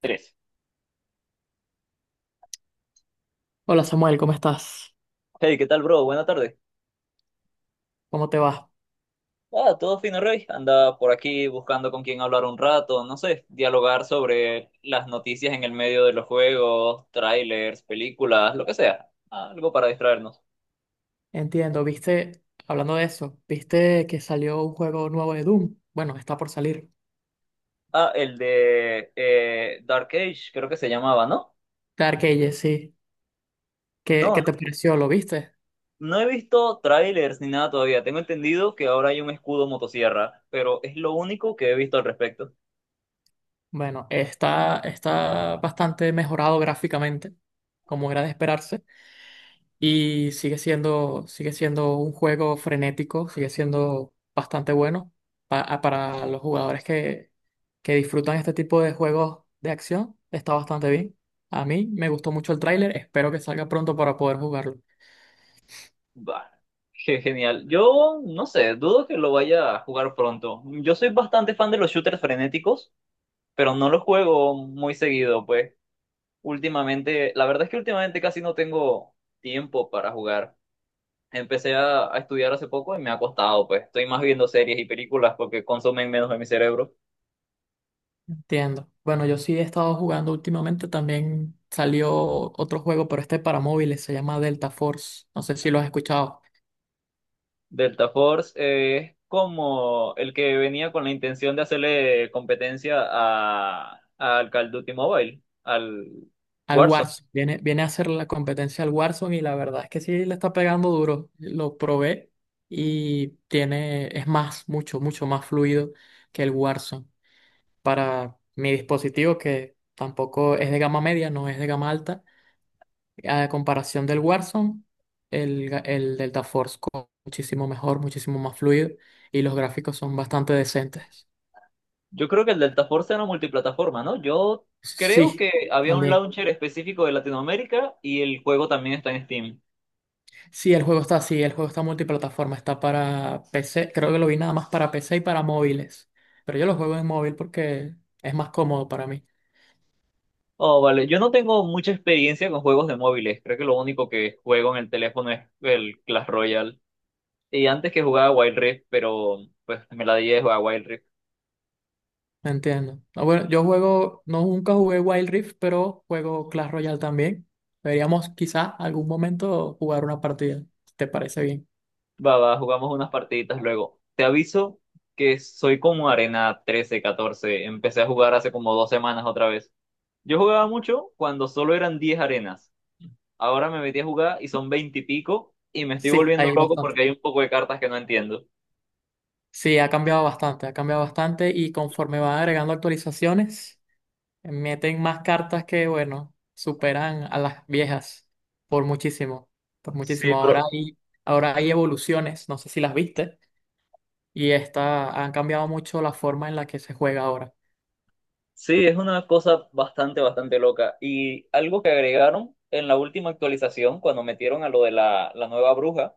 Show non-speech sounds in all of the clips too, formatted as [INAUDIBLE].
Tres. Hola Samuel, ¿cómo estás? Hey, ¿qué tal, bro? Buenas tardes. ¿Cómo te va? Ah, todo fino, Rey. Anda por aquí buscando con quién hablar un rato, no sé, dialogar sobre las noticias en el medio de los juegos, trailers, películas, lo que sea. Ah, algo para distraernos. Entiendo, viste, hablando de eso, viste que salió un juego nuevo de Doom. Bueno, está por salir. Ah, el de Dark Age, creo que se llamaba, ¿no? Dark Ages, sí. ¿Qué, No, qué no, te pareció? ¿Lo viste? no he visto trailers ni nada todavía. Tengo entendido que ahora hay un escudo motosierra, pero es lo único que he visto al respecto. Bueno, está bastante mejorado gráficamente, como era de esperarse. Y sigue siendo un juego frenético, sigue siendo bastante bueno para los jugadores que disfrutan este tipo de juegos de acción. Está bastante bien. A mí me gustó mucho el tráiler, espero que salga pronto para poder jugarlo. Bah, qué genial. Yo no sé, dudo que lo vaya a jugar pronto. Yo soy bastante fan de los shooters frenéticos, pero no los juego muy seguido, pues. Últimamente, la verdad es que últimamente casi no tengo tiempo para jugar. Empecé a estudiar hace poco y me ha costado, pues. Estoy más viendo series y películas porque consumen menos de mi cerebro. Entiendo. Bueno, yo sí he estado jugando últimamente, también salió otro juego, pero este para móviles, se llama Delta Force. No sé si lo has escuchado. Delta Force es como el que venía con la intención de hacerle competencia al Call of Duty Mobile, al Al Warzone. Warzone. Viene, viene a hacer la competencia al Warzone y la verdad es que sí le está pegando duro. Lo probé y tiene, es más, mucho más fluido que el Warzone. Para mi dispositivo, que tampoco es de gama media, no es de gama alta, a comparación del Warzone, el Delta Force corre muchísimo mejor, muchísimo más fluido y los gráficos son bastante decentes. Yo creo que el Delta Force era multiplataforma, ¿no? Yo creo Sí, que había un también. launcher específico de Latinoamérica y el juego también está en Steam. Sí, el juego está así, el juego está multiplataforma, está para PC, creo que lo vi nada más para PC y para móviles, pero yo lo juego en móvil porque es más cómodo para mí, Oh, vale. Yo no tengo mucha experiencia con juegos de móviles. Creo que lo único que juego en el teléfono es el Clash Royale. Y antes que jugaba Wild Rift, pero pues me la di de jugar Wild Rift. ¿me entiendo? Ah, bueno, yo juego, no nunca jugué Wild Rift, pero juego Clash Royale también. Deberíamos quizá algún momento jugar una partida, si te parece bien. Va, va, jugamos unas partiditas luego. Te aviso que soy como Arena 13, 14. Empecé a jugar hace como dos semanas otra vez. Yo jugaba mucho cuando solo eran 10 arenas. Ahora me metí a jugar y son 20 y pico y me estoy Sí, volviendo hay loco bastante. porque hay un poco de cartas que no entiendo. Sí, ha cambiado bastante y conforme van agregando actualizaciones. Meten más cartas que, bueno, superan a las viejas por muchísimo, por Sí, muchísimo. Pero Ahora hay evoluciones, no sé si las viste, y esta, han cambiado mucho la forma en la que se juega ahora. sí, es una cosa bastante, bastante loca. Y algo que agregaron en la última actualización, cuando metieron a lo de la nueva bruja,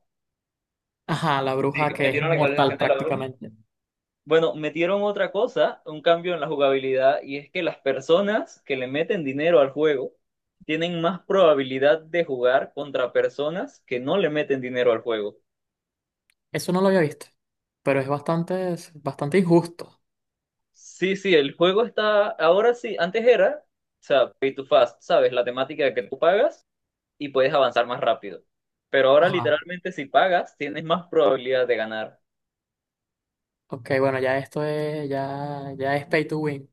Ajá, la sí, bruja que que es metieron la actualización inmortal de la bruja. prácticamente. Bueno, metieron otra cosa, un cambio en la jugabilidad, y es que las personas que le meten dinero al juego tienen más probabilidad de jugar contra personas que no le meten dinero al juego. Eso no lo había visto, pero es bastante injusto. Sí, sí, el juego está, ahora sí, antes era, o sea, pay to fast, ¿sabes? La temática que tú pagas y puedes avanzar más rápido. Pero ahora Ajá. literalmente si pagas, tienes más probabilidad de ganar. Ok, bueno, ya esto es, ya, ya es pay to win.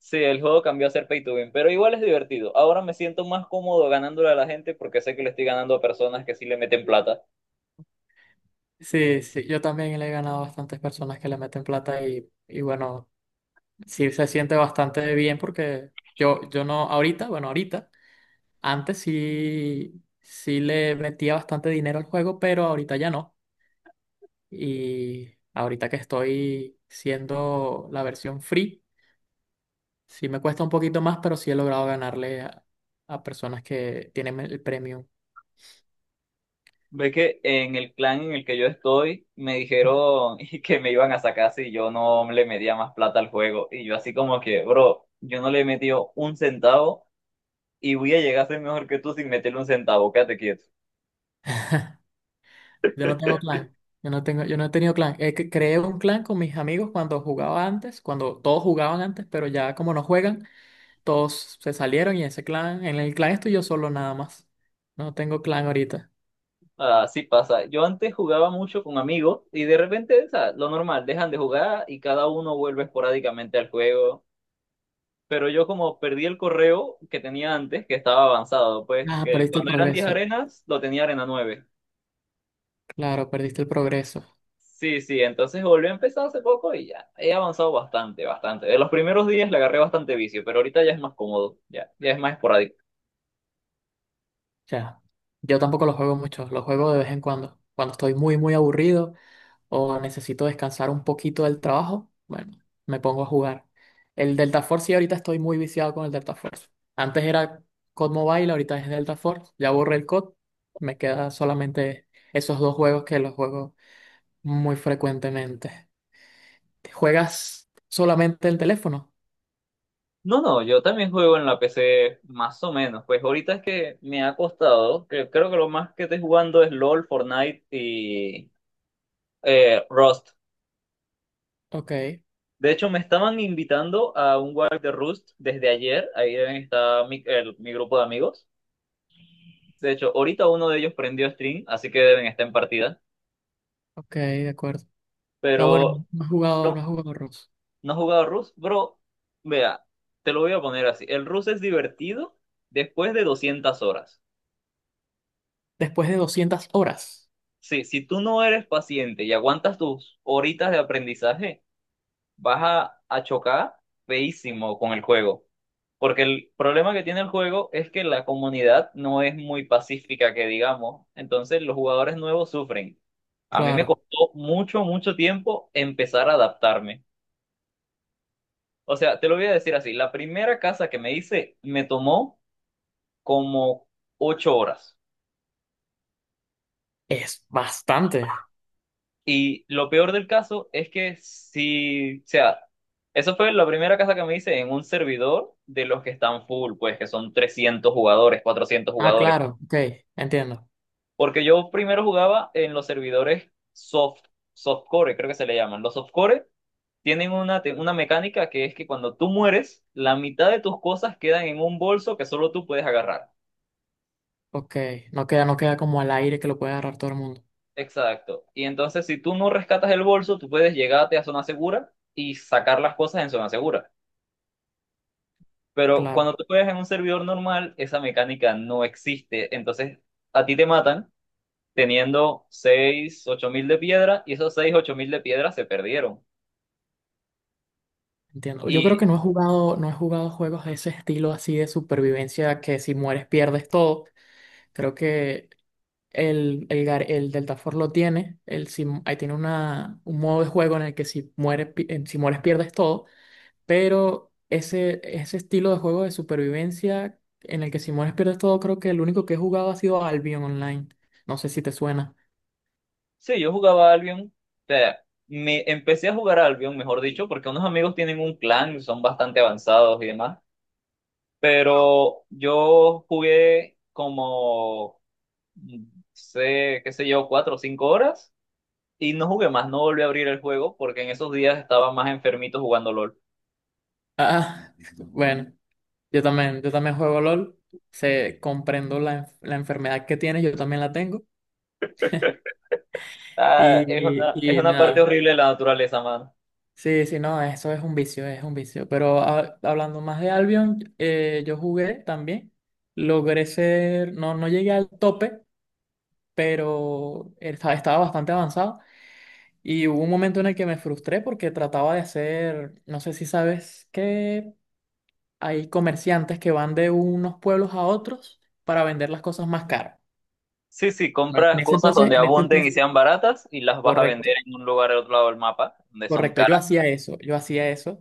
Sí, el juego cambió a ser pay to win, pero igual es divertido. Ahora me siento más cómodo ganándole a la gente porque sé que le estoy ganando a personas que sí le meten plata. Sí, sí, yo también le he ganado a bastantes personas que le meten plata y bueno, sí se siente bastante bien porque yo no, ahorita, bueno, ahorita, antes sí, sí le metía bastante dinero al juego, pero ahorita ya no. Y ahorita que estoy siendo la versión free, sí me cuesta un poquito más, pero sí he logrado ganarle a personas que tienen el premium. Ve que en el clan en el que yo estoy me dijeron [LAUGHS] que me iban a sacar si yo no le metía más plata al juego. Y yo así como que, bro, yo no le he metido un centavo y voy a llegar a ser mejor que tú sin meterle un centavo, quédate quieto. Yo no tengo clan. Yo no tengo, yo no he tenido clan. Creé un clan con mis amigos cuando jugaba antes, cuando todos jugaban antes, pero ya como no juegan. Todos se salieron y ese clan, en el clan estoy yo solo nada más. No tengo clan ahorita. Así pasa. Yo antes jugaba mucho con amigos y de repente, o sea, lo normal, dejan de jugar y cada uno vuelve esporádicamente al juego. Pero yo como perdí el correo que tenía antes, que estaba avanzado, pues Ah, que perdiste el cuando eran 10 progreso. arenas, lo tenía arena nueve. Claro, perdiste el progreso. Sí, sí, entonces volví a empezar hace poco y ya he avanzado bastante, bastante. De los primeros días le agarré bastante vicio, pero ahorita ya es más cómodo, ya, ya es más esporádico. Ya. Yo tampoco lo juego mucho, lo juego de vez en cuando. Cuando estoy muy aburrido o necesito descansar un poquito del trabajo, bueno, me pongo a jugar. El Delta Force, sí, ahorita estoy muy viciado con el Delta Force. Antes era COD Mobile, ahorita es Delta Force. Ya borré el COD, me queda solamente esos dos juegos que los juego muy frecuentemente. ¿Juegas solamente el teléfono? No, no, yo también juego en la PC más o menos. Pues ahorita es que me ha costado, que creo que lo más que estoy jugando es LOL, Fortnite y Rust. Ok, De hecho, me estaban invitando a un Wild de Rust desde ayer. Ahí deben estar mi grupo de amigos. De hecho, ahorita uno de ellos prendió stream, así que deben estar en partida. ok, de acuerdo. No, bueno, Pero no has jugado, no no, has jugado Rust. no he jugado Rust, bro. Vea, te lo voy a poner así. El Rust es divertido después de 200 horas. Después de 200 horas. Sí, si tú no eres paciente y aguantas tus horitas de aprendizaje, vas a chocar feísimo con el juego. Porque el problema que tiene el juego es que la comunidad no es muy pacífica, que digamos. Entonces los jugadores nuevos sufren. A mí me Claro, costó mucho, mucho tiempo empezar a adaptarme. O sea, te lo voy a decir así, la primera casa que me hice me tomó como 8 horas. es bastante. Y lo peor del caso es que si, o sea, eso fue la primera casa que me hice en un servidor de los que están full, pues que son 300 jugadores, 400 Ah, jugadores. claro, ok, entiendo. Porque yo primero jugaba en los servidores soft, softcore, creo que se le llaman. Los softcore tienen una, una mecánica que es que cuando tú mueres, la mitad de tus cosas quedan en un bolso que solo tú puedes agarrar. Ok, no queda, no queda como al aire que lo puede agarrar todo el mundo. Exacto. Y entonces si tú no rescatas el bolso, tú puedes llegarte a zona segura y sacar las cosas en zona segura. Pero Claro, cuando tú juegas en un servidor normal, esa mecánica no existe. Entonces, a ti te matan teniendo 6 8 mil de piedra y esos 6 8 mil de piedra se perdieron. entiendo. Yo creo Y que no he jugado, no he jugado juegos de ese estilo así de supervivencia que si mueres pierdes todo. Creo que el Deltaforce lo tiene, el, si, ahí tiene una, un modo de juego en el que si, si mueres pierdes todo, pero ese estilo de juego de supervivencia en el que si mueres pierdes todo, creo que el único que he jugado ha sido Albion Online. No sé si te suena. sí, yo jugaba Albion. O sea, me empecé a jugar Albion, mejor dicho, porque unos amigos tienen un clan, son bastante avanzados y demás. Pero yo jugué como, mm, sé, qué sé yo, 4 o 5 horas. Y no jugué más, no volví a abrir el juego porque en esos días estaba más enfermito jugando LOL. Ah, [LAUGHS] bueno, yo también juego LOL, sé, comprendo la enfermedad que tienes, yo también la tengo, Ah, y, es y una parte nada. horrible de la naturaleza, mano. Sí, sí, no, eso es un vicio, es un vicio. Pero hablando más de Albion, yo jugué también. Logré ser, no, no llegué al tope, pero estaba bastante avanzado. Y hubo un momento en el que me frustré porque trataba de hacer, no sé si sabes que hay comerciantes que van de unos pueblos a otros para vender las cosas más caras. Sí, sí, Bueno, compras cosas donde en ese abunden y entonces, sean baratas y las vas a correcto, vender en un lugar al otro lado del mapa, donde son correcto. Yo caras. hacía eso, yo hacía eso,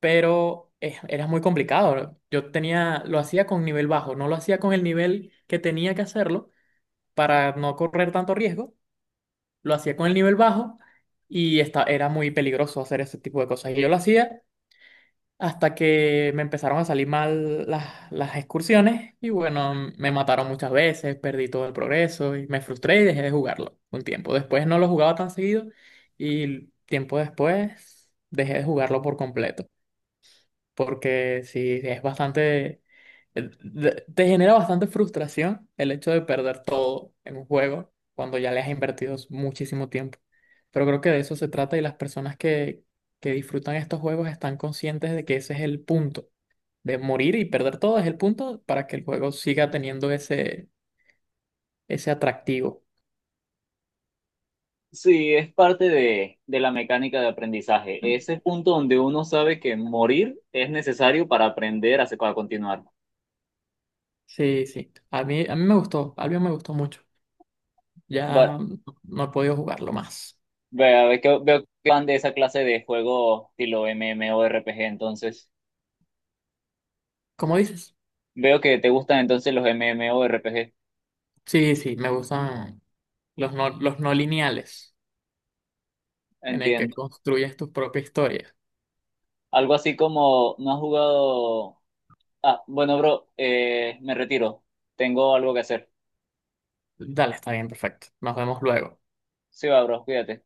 pero era muy complicado. Yo tenía, lo hacía con nivel bajo, no lo hacía con el nivel que tenía que hacerlo para no correr tanto riesgo, lo hacía con el nivel bajo y esta, era muy peligroso hacer ese tipo de cosas. Y yo lo hacía hasta que me empezaron a salir mal las excursiones y bueno, me mataron muchas veces, perdí todo el progreso y me frustré y dejé de jugarlo un tiempo. Después no lo jugaba tan seguido y tiempo después dejé de jugarlo por completo porque sí, es bastante, te genera bastante frustración el hecho de perder todo en un juego cuando ya le has invertido muchísimo tiempo. Pero creo que de eso se trata y las personas que disfrutan estos juegos están conscientes de que ese es el punto, de morir y perder todo es el punto para que el juego siga teniendo ese, ese atractivo. Sí, es parte de la mecánica de aprendizaje. Ese punto donde uno sabe que morir es necesario para aprender a, a continuar. Sí, sí, a mí me gustó, Albion me gustó mucho. Va- Ya no he podido jugarlo más. vea, veo que van de esa clase de juego estilo MMORPG, entonces. ¿Cómo dices? Veo que te gustan entonces los MMORPG. Sí, sí, me gustan. Los no lineales, en el que Entiendo. construyes tu propia historia. Algo así como, ¿no has jugado? Ah, bueno, bro, me retiro. Tengo algo que hacer. Dale, está bien, perfecto. Nos vemos luego. Sí, va, bro, cuídate.